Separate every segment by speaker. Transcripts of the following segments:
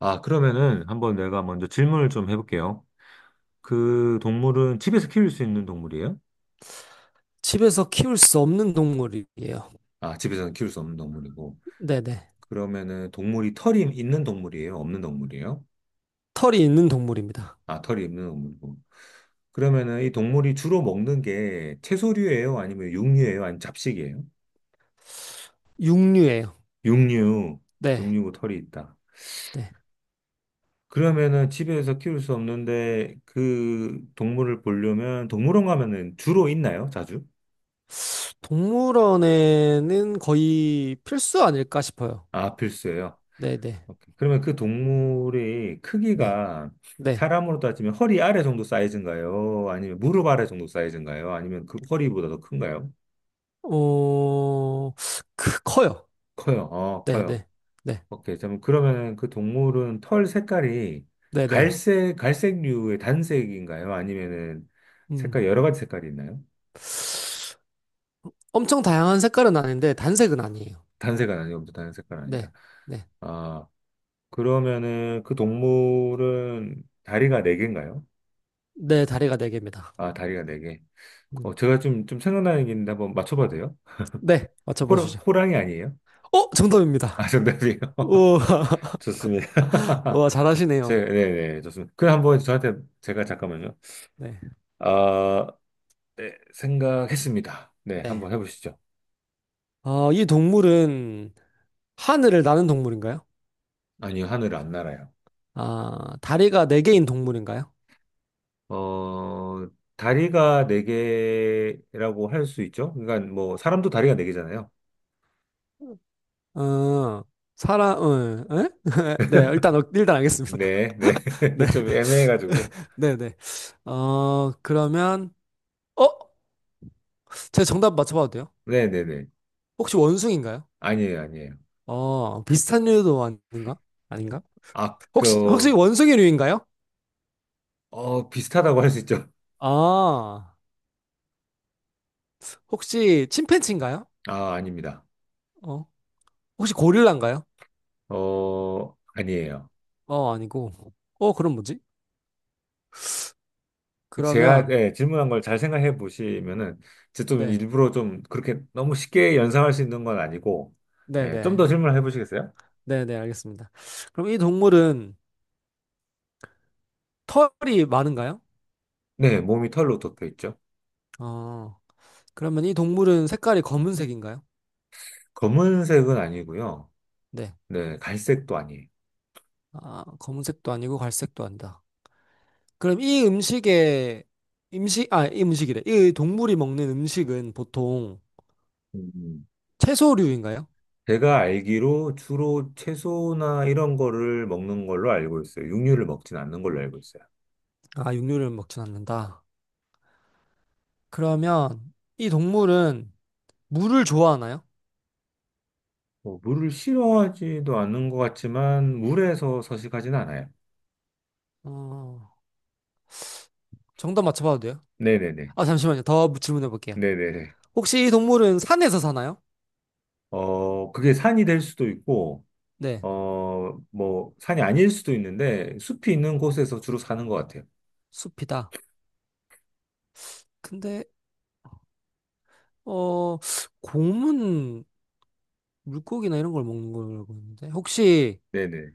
Speaker 1: 아, 그러면은 한번 내가 먼저 질문을 좀 해볼게요. 그 동물은 집에서 키울 수 있는 동물이에요?
Speaker 2: 집에서 키울 수 없는 동물이에요.
Speaker 1: 아, 집에서는 키울 수 없는 동물이고.
Speaker 2: 네네.
Speaker 1: 그러면은 동물이 털이 있는 동물이에요? 없는 동물이에요?
Speaker 2: 털이 있는 동물입니다.
Speaker 1: 아, 털이 있는 동물이고. 그러면은 이 동물이 주로 먹는 게 채소류예요? 아니면 육류예요? 아니면 잡식이에요?
Speaker 2: 육류예요.
Speaker 1: 육류.
Speaker 2: 네.
Speaker 1: 육류고 털이 있다.
Speaker 2: 네.
Speaker 1: 그러면은 집에서 키울 수 없는데 그 동물을 보려면 동물원 가면은 주로 있나요? 자주?
Speaker 2: 동물원에는 거의 필수 아닐까 싶어요.
Speaker 1: 아, 필수예요.
Speaker 2: 네네.
Speaker 1: 오케이. 그러면 그 동물의
Speaker 2: 네.
Speaker 1: 크기가
Speaker 2: 네.
Speaker 1: 사람으로 따지면 허리 아래 정도 사이즈인가요? 아니면 무릎 아래 정도 사이즈인가요? 아니면 그 허리보다 더 큰가요?
Speaker 2: 어, 커요.
Speaker 1: 커요. 어, 커요.
Speaker 2: 네네. 네.
Speaker 1: 오케이. 그럼 그러면 그 동물은 털 색깔이
Speaker 2: 네네.
Speaker 1: 갈색, 갈색류의 단색인가요? 아니면은
Speaker 2: 음.
Speaker 1: 색깔, 여러 가지 색깔이 있나요?
Speaker 2: 엄청 다양한 색깔은 아닌데, 단색은 아니에요.
Speaker 1: 단색은 아니고, 단색깔 아니다.
Speaker 2: 네. 네.
Speaker 1: 아, 그러면은 그 동물은 다리가 네개인가요?
Speaker 2: 네, 다리가 네 개입니다.
Speaker 1: 아, 다리가 네개.
Speaker 2: 음.
Speaker 1: 어, 제가 좀 생각나는 게 있는데 한번 맞춰봐도 돼요?
Speaker 2: 네.
Speaker 1: 호랑,
Speaker 2: 맞춰보시죠.
Speaker 1: 호랑이 아니에요?
Speaker 2: 어,
Speaker 1: 아,
Speaker 2: 정답입니다.
Speaker 1: 정답이에요.
Speaker 2: 우와.
Speaker 1: 좋습니다.
Speaker 2: 우와,
Speaker 1: 제,
Speaker 2: 잘하시네요.
Speaker 1: 네네, 좋습니다. 그 한번 저한테, 제가 잠깐만요.
Speaker 2: 네.
Speaker 1: 아, 네, 생각했습니다. 네,
Speaker 2: 네.
Speaker 1: 한번 해보시죠.
Speaker 2: 어, 이 동물은 하늘을 나는 동물인가요?
Speaker 1: 아니요, 하늘 안 날아요.
Speaker 2: 아, 다리가 네 개인 동물인가요?
Speaker 1: 어, 다리가 네 개라고 할 수 있죠? 그러니까 뭐, 사람도 다리가 네 개잖아요.
Speaker 2: 어, 사람, 어, 에? 네, 일단, 어, 일단 알겠습니다.
Speaker 1: 네, 네.
Speaker 2: 네,
Speaker 1: 좀 애매해가지고.
Speaker 2: 네, 네. 어, 그러면, 어? 제가 정답 맞춰봐도 돼요?
Speaker 1: 네네네.
Speaker 2: 혹시 원숭이인가요?
Speaker 1: 아니에요, 아니에요.
Speaker 2: 어, 비슷한 류도 아닌가? 아닌가?
Speaker 1: 아,
Speaker 2: 혹시
Speaker 1: 그,
Speaker 2: 원숭이류인가요?
Speaker 1: 어, 비슷하다고 할 수 있죠?
Speaker 2: 아, 혹시 침팬지인가요?
Speaker 1: 아, 아닙니다.
Speaker 2: 어, 혹시 고릴라인가요?
Speaker 1: 어, 아니에요.
Speaker 2: 어, 아니고. 어, 그럼 뭐지?
Speaker 1: 제가
Speaker 2: 그러면,
Speaker 1: 예, 질문한 걸 잘 생각해 보시면은 제가 좀
Speaker 2: 네,
Speaker 1: 일부러 좀 그렇게 너무 쉽게 연상할 수 있는 건 아니고 예, 좀
Speaker 2: 네네.
Speaker 1: 더 질문을 해 보시겠어요?
Speaker 2: 네네, 알겠습니다. 그럼 이 동물은 털이 많은가요?
Speaker 1: 네, 몸이 털로 덮여 있죠.
Speaker 2: 어, 그러면 이 동물은 색깔이 검은색인가요?
Speaker 1: 검은색은 아니고요.
Speaker 2: 네.
Speaker 1: 네, 갈색도 아니에요.
Speaker 2: 아, 검은색도 아니고 갈색도 아니다. 그럼 이 음식에, 음식, 아, 이 음식이래. 이 동물이 먹는 음식은 보통
Speaker 1: 음,
Speaker 2: 채소류인가요?
Speaker 1: 제가 알기로 주로 채소나 이런 거를 먹는 걸로 알고 있어요. 육류를 먹진 않는 걸로 알고 있어요.
Speaker 2: 아, 육류를 먹진 않는다. 그러면 이 동물은 물을 좋아하나요?
Speaker 1: 뭐, 물을 싫어하지도 않는 것 같지만 물에서 서식하진 않아요.
Speaker 2: 어, 정답 맞춰봐도 돼요?
Speaker 1: 네네네.
Speaker 2: 아, 잠시만요. 더 질문해 볼게요.
Speaker 1: 네네네.
Speaker 2: 혹시 이 동물은 산에서 사나요?
Speaker 1: 어, 그게 산이 될 수도 있고
Speaker 2: 네.
Speaker 1: 어, 뭐, 산이 아닐 수도 있는데, 숲이 있는 곳에서 주로 사는 것 같아요.
Speaker 2: 숲이다. 근데 어, 곰은 물고기나 이런 걸 먹는 걸로 보는데 혹시
Speaker 1: 네네.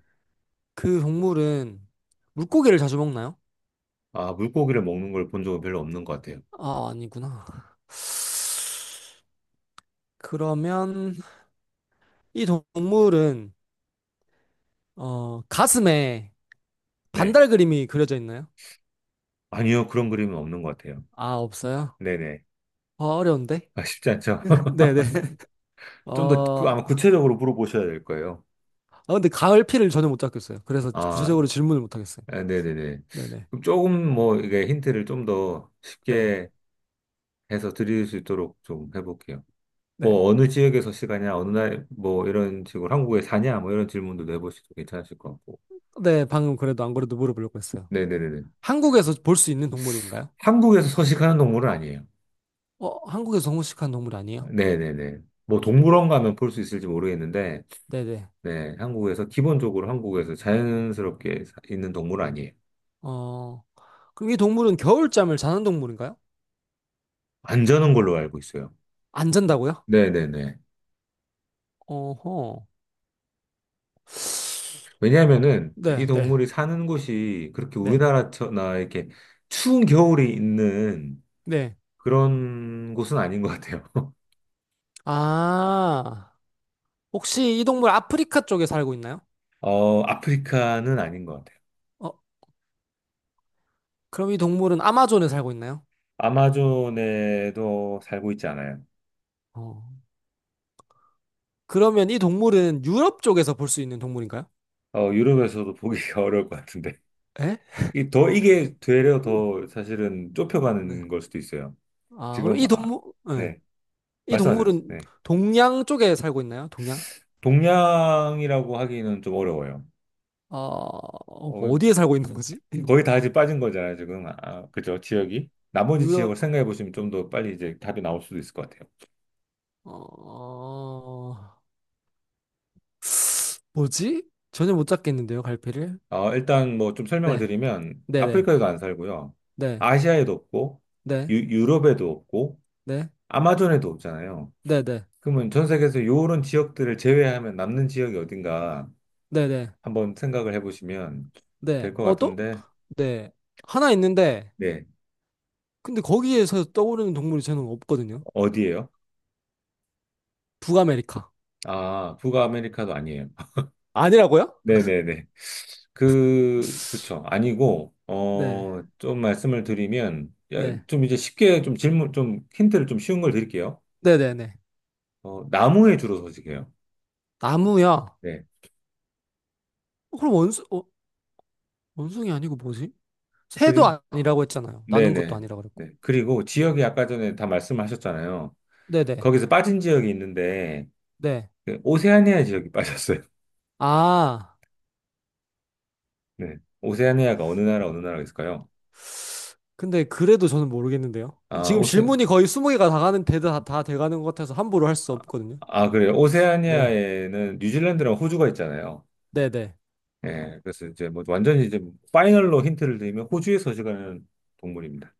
Speaker 2: 그 동물은 물고기를 자주 먹나요?
Speaker 1: 아, 물고기를 먹는 걸 본 적은 별로 없는 것 같아요.
Speaker 2: 아, 아니구나. 그러면 이 동물은 어, 가슴에
Speaker 1: 네.
Speaker 2: 반달 그림이 그려져 있나요?
Speaker 1: 아니요, 그런 그림은 없는 것 같아요.
Speaker 2: 아, 없어요?
Speaker 1: 네네.
Speaker 2: 아, 어려운데?
Speaker 1: 아, 쉽지 않죠?
Speaker 2: 네네.
Speaker 1: 좀 더, 그,
Speaker 2: 어,
Speaker 1: 아마 구체적으로 물어보셔야 될 거예요.
Speaker 2: 아, 근데 가을피를 전혀 못 잡겠어요. 그래서
Speaker 1: 아,
Speaker 2: 구체적으로 질문을 못 하겠어요.
Speaker 1: 아, 네네네.
Speaker 2: 네네.
Speaker 1: 그럼 조금 뭐, 이게 힌트를 좀 더
Speaker 2: 네.
Speaker 1: 쉽게 해서 드릴 수 있도록 좀 해볼게요.
Speaker 2: 네.
Speaker 1: 뭐, 어느 지역에서 사냐, 어느 날, 뭐, 이런 식으로 한국에 사냐, 뭐, 이런 질문도 내보셔도 괜찮으실 것 같고.
Speaker 2: 네, 방금 그래도 안 그래도 물어보려고 했어요.
Speaker 1: 네네네.
Speaker 2: 한국에서 볼 수 있는 동물인가요?
Speaker 1: 한국에서 서식하는 동물은 아니에요.
Speaker 2: 어, 한국에서 동물식한 동물 아니에요?
Speaker 1: 네네네. 뭐 동물원 가면 볼 수 있을지 모르겠는데,
Speaker 2: 네네.
Speaker 1: 네, 한국에서, 기본적으로 한국에서 자연스럽게 있는 동물은 아니에요.
Speaker 2: 어, 그럼 이 동물은 겨울잠을 자는 동물인가요?
Speaker 1: 안 자는 걸로 알고 있어요.
Speaker 2: 안 잔다고요?
Speaker 1: 네네네.
Speaker 2: 어허.
Speaker 1: 왜냐하면은 이
Speaker 2: 네, 네,
Speaker 1: 동물이 사는 곳이 그렇게
Speaker 2: 네,
Speaker 1: 우리나라나 이렇게 추운 겨울이 있는
Speaker 2: 네.
Speaker 1: 그런 곳은 아닌 것 같아요.
Speaker 2: 아, 혹시 이 동물 아프리카 쪽에 살고 있나요?
Speaker 1: 어, 아프리카는 아닌 것 같아요.
Speaker 2: 어, 그럼 이 동물은 아마존에 살고 있나요?
Speaker 1: 아마존에도 살고 있지 않아요.
Speaker 2: 어, 그러면 이 동물은 유럽 쪽에서 볼 수 있는 동물인가요?
Speaker 1: 어, 유럽에서도 보기가 어려울 것 같은데.
Speaker 2: 에?
Speaker 1: 이게 되려 더 사실은
Speaker 2: 네.
Speaker 1: 좁혀가는 걸 수도 있어요.
Speaker 2: 아, 그럼
Speaker 1: 지금,
Speaker 2: 이
Speaker 1: 아,
Speaker 2: 동물, 네.
Speaker 1: 네.
Speaker 2: 이
Speaker 1: 말씀하세요.
Speaker 2: 동물은
Speaker 1: 네.
Speaker 2: 동양 쪽에 살고 있나요? 동양?
Speaker 1: 동양이라고 하기는 좀 어려워요.
Speaker 2: 어,
Speaker 1: 어,
Speaker 2: 어디에 살고 있는 거지?
Speaker 1: 거의 다 이제 빠진 거잖아요, 지금. 아, 그죠, 지역이. 나머지 지역을
Speaker 2: 유럽,
Speaker 1: 생각해 보시면 좀 더 빨리 이제 답이 나올 수도 있을 것 같아요.
Speaker 2: 어, 뭐지? 전혀 못 잡겠는데요, 갈피를?
Speaker 1: 어, 일단 뭐 좀 설명을
Speaker 2: 네,
Speaker 1: 드리면,
Speaker 2: 네네,
Speaker 1: 아프리카에도 안 살고요.
Speaker 2: 네,
Speaker 1: 아시아에도 없고,
Speaker 2: 네,
Speaker 1: 유, 유럽에도 없고,
Speaker 2: 네,
Speaker 1: 아마존에도 없잖아요.
Speaker 2: 네네,
Speaker 1: 그러면 전 세계에서 요런 지역들을 제외하면 남는 지역이 어딘가
Speaker 2: 네네, 네. 네, 네,
Speaker 1: 한번 생각을 해보시면
Speaker 2: 네.
Speaker 1: 될 것
Speaker 2: 어, 또?
Speaker 1: 같은데,
Speaker 2: 네. 하나 있는데,
Speaker 1: 네.
Speaker 2: 근데 거기에서 떠오르는 동물이 저는 없거든요.
Speaker 1: 어디예요?
Speaker 2: 북아메리카.
Speaker 1: 아, 북아 아메리카도 아니에요.
Speaker 2: 아니라고요?
Speaker 1: 네네네. 그쵸. 아니고,
Speaker 2: 네,
Speaker 1: 어, 좀 말씀을 드리면, 야,
Speaker 2: 네,
Speaker 1: 좀 이제 쉽게 좀 질문, 좀 힌트를 좀 쉬운 걸 드릴게요.
Speaker 2: 네네네.
Speaker 1: 어, 나무에 주로 서식해요.
Speaker 2: 나무야.
Speaker 1: 네.
Speaker 2: 어, 그럼 원숭, 어, 원숭이 아니고 뭐지? 새도
Speaker 1: 그리,
Speaker 2: 아니라고 했잖아요. 나는 것도
Speaker 1: 네네.
Speaker 2: 아니라고 그랬고.
Speaker 1: 네. 그리고 지역이 아까 전에 다 말씀하셨잖아요.
Speaker 2: 네네, 네.
Speaker 1: 거기서 빠진 지역이 있는데,
Speaker 2: 네.
Speaker 1: 그 오세아니아 지역이 빠졌어요.
Speaker 2: 아.
Speaker 1: 네. 오세아니아가 어느 나라, 어느 나라가 있을까요?
Speaker 2: 근데 그래도 저는 모르겠는데요.
Speaker 1: 아,
Speaker 2: 지금 질문이 거의 20개가 다 가는, 대, 다, 다 돼가는 것 같아서 함부로 할 수 없거든요.
Speaker 1: 아, 그래요.
Speaker 2: 네.
Speaker 1: 오세아니아에는 뉴질랜드랑 호주가 있잖아요.
Speaker 2: 네네.
Speaker 1: 예, 그래서 이제 뭐 완전히 이제 파이널로 힌트를 드리면 호주에 서 식하는 동물입니다.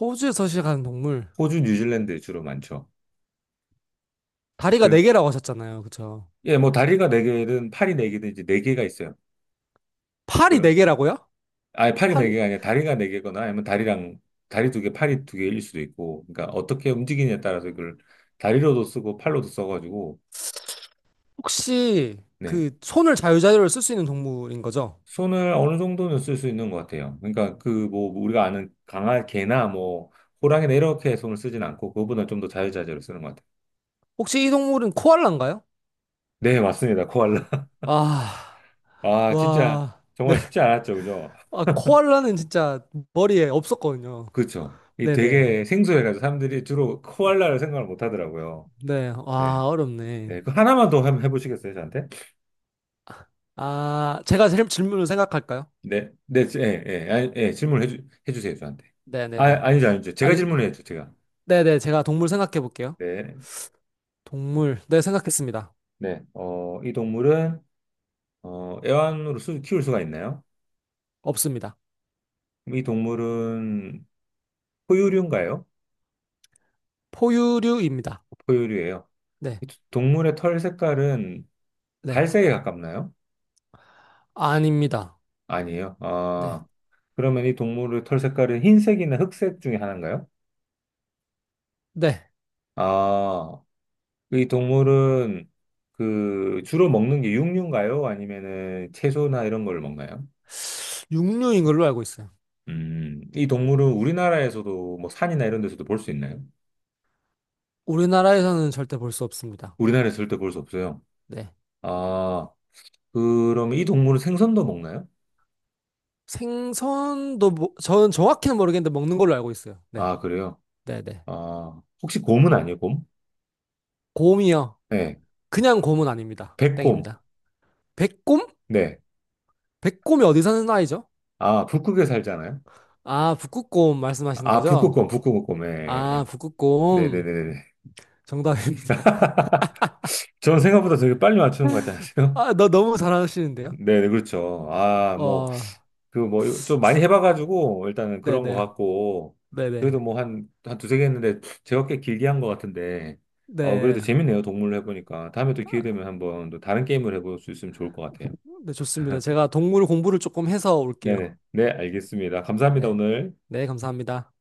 Speaker 2: 호주에서 시작하는 동물.
Speaker 1: 호주, 뉴질랜드에 주로 많죠.
Speaker 2: 다리가
Speaker 1: 그,
Speaker 2: 4개라고 하셨잖아요. 그쵸?
Speaker 1: 예, 뭐 다리가 네개든 팔이 네개든 이제 네개가 있어요.
Speaker 2: 팔이
Speaker 1: 그럼,
Speaker 2: 4개라고요?
Speaker 1: 아니, 팔이
Speaker 2: 팔이.
Speaker 1: 네개가 아니라 다리가 네개거나 아니면 다리랑, 다리 두 개 팔이 두개일 수도 있고, 그러니까 어떻게 움직이냐에 따라서 이걸 다리로도 쓰고 팔로도 써가지고,
Speaker 2: 혹시
Speaker 1: 네,
Speaker 2: 그 손을 자유자유로 쓸 수 있는 동물인 거죠?
Speaker 1: 손을 어느 정도는 쓸 수 있는 것 같아요. 그러니까 그 뭐 우리가 아는 강아 개나 뭐 호랑이나 이렇게 손을 쓰진 않고 그거보다 좀 더 자유자재로 쓰는 것 같아요.
Speaker 2: 혹시 이 동물은 코알라인가요?
Speaker 1: 네, 맞습니다. 코알라.
Speaker 2: 아,
Speaker 1: 아, 진짜
Speaker 2: 와. 네.
Speaker 1: 정말 쉽지 않았죠, 그죠?
Speaker 2: 아, 코알라는 진짜 머리에 없었거든요.
Speaker 1: 그렇죠. 이
Speaker 2: 네네.
Speaker 1: 되게 생소해가지고 사람들이 주로 코알라를 생각을 못 하더라고요.
Speaker 2: 네.
Speaker 1: 네,
Speaker 2: 와, 어렵네.
Speaker 1: 네, 그 하나만 더 한번 해보시겠어요, 저한테?
Speaker 2: 아, 제가 질문을 생각할까요?
Speaker 1: 네, 네, 예, 예, 아니, 예, 질문을 해주세요, 저한테. 아,
Speaker 2: 네네네.
Speaker 1: 아니죠, 아니죠. 제가
Speaker 2: 아니,
Speaker 1: 질문을 해야죠, 제가.
Speaker 2: 네네, 제가 동물 생각해 볼게요.
Speaker 1: 네,
Speaker 2: 동물, 네, 생각했습니다.
Speaker 1: 네. 어, 이 동물은 어, 애완으로 키울 수가 있나요?
Speaker 2: 없습니다.
Speaker 1: 이 동물은 포유류인가요?
Speaker 2: 포유류입니다.
Speaker 1: 포유류예요.
Speaker 2: 네,
Speaker 1: 이 동물의 털 색깔은
Speaker 2: 네.
Speaker 1: 갈색에 가깝나요?
Speaker 2: 아닙니다.
Speaker 1: 아니에요.
Speaker 2: 네,
Speaker 1: 아, 그러면 이 동물의 털 색깔은 흰색이나 흑색 중에 하나인가요?
Speaker 2: 네.
Speaker 1: 아, 이 동물은 그 주로 먹는 게 육류인가요? 아니면은 채소나 이런 걸 먹나요?
Speaker 2: 육류인 걸로 알고 있어요.
Speaker 1: 이 동물은 우리나라에서도 뭐 산이나 이런 데서도 볼 수 있나요?
Speaker 2: 우리나라에서는 절대 볼 수 없습니다.
Speaker 1: 우리나라에서 절대 볼 수 없어요.
Speaker 2: 네.
Speaker 1: 아, 그럼 이 동물은 생선도 먹나요?
Speaker 2: 생선도, 뭐, 저는 정확히는 모르겠는데 먹는 걸로 알고 있어요. 네,
Speaker 1: 아, 그래요.
Speaker 2: 네네.
Speaker 1: 아, 혹시 곰은 아니에요, 곰?
Speaker 2: 곰이요.
Speaker 1: 네.
Speaker 2: 그냥 곰은 아닙니다.
Speaker 1: 백곰.
Speaker 2: 땡입니다. 백곰?
Speaker 1: 네.
Speaker 2: 백곰이 어디 사는 아이죠?
Speaker 1: 아, 북극에 살잖아요?
Speaker 2: 아, 북극곰 말씀하시는
Speaker 1: 아,
Speaker 2: 거죠?
Speaker 1: 북극곰, 북극곰.
Speaker 2: 아,
Speaker 1: 네.
Speaker 2: 북극곰.
Speaker 1: 네네네네.
Speaker 2: 정답입니다.
Speaker 1: 저는 생각보다 되게 빨리 맞추는 것 같지 않으세요?
Speaker 2: 아, 너 너무 잘하시는데요?
Speaker 1: 네네, 그렇죠. 아, 뭐,
Speaker 2: 어,
Speaker 1: 그 뭐, 좀 많이 해봐가지고, 일단은 그런 것
Speaker 2: 네네,
Speaker 1: 같고, 그래도
Speaker 2: 네네,
Speaker 1: 뭐 한 두세 개 했는데, 제가 꽤 길게 한 것 같은데, 어,
Speaker 2: 네.
Speaker 1: 그래도 재밌네요, 동물을 해보니까. 다음에 또 기회
Speaker 2: 아,
Speaker 1: 되면 한번 또 다른 게임을 해볼 수 있으면 좋을 것 같아요.
Speaker 2: 네, 좋습니다. 제가 동물 공부를 조금 해서 올게요.
Speaker 1: 네네. 네, 알겠습니다. 감사합니다,
Speaker 2: 네.
Speaker 1: 오늘.
Speaker 2: 네, 감사합니다.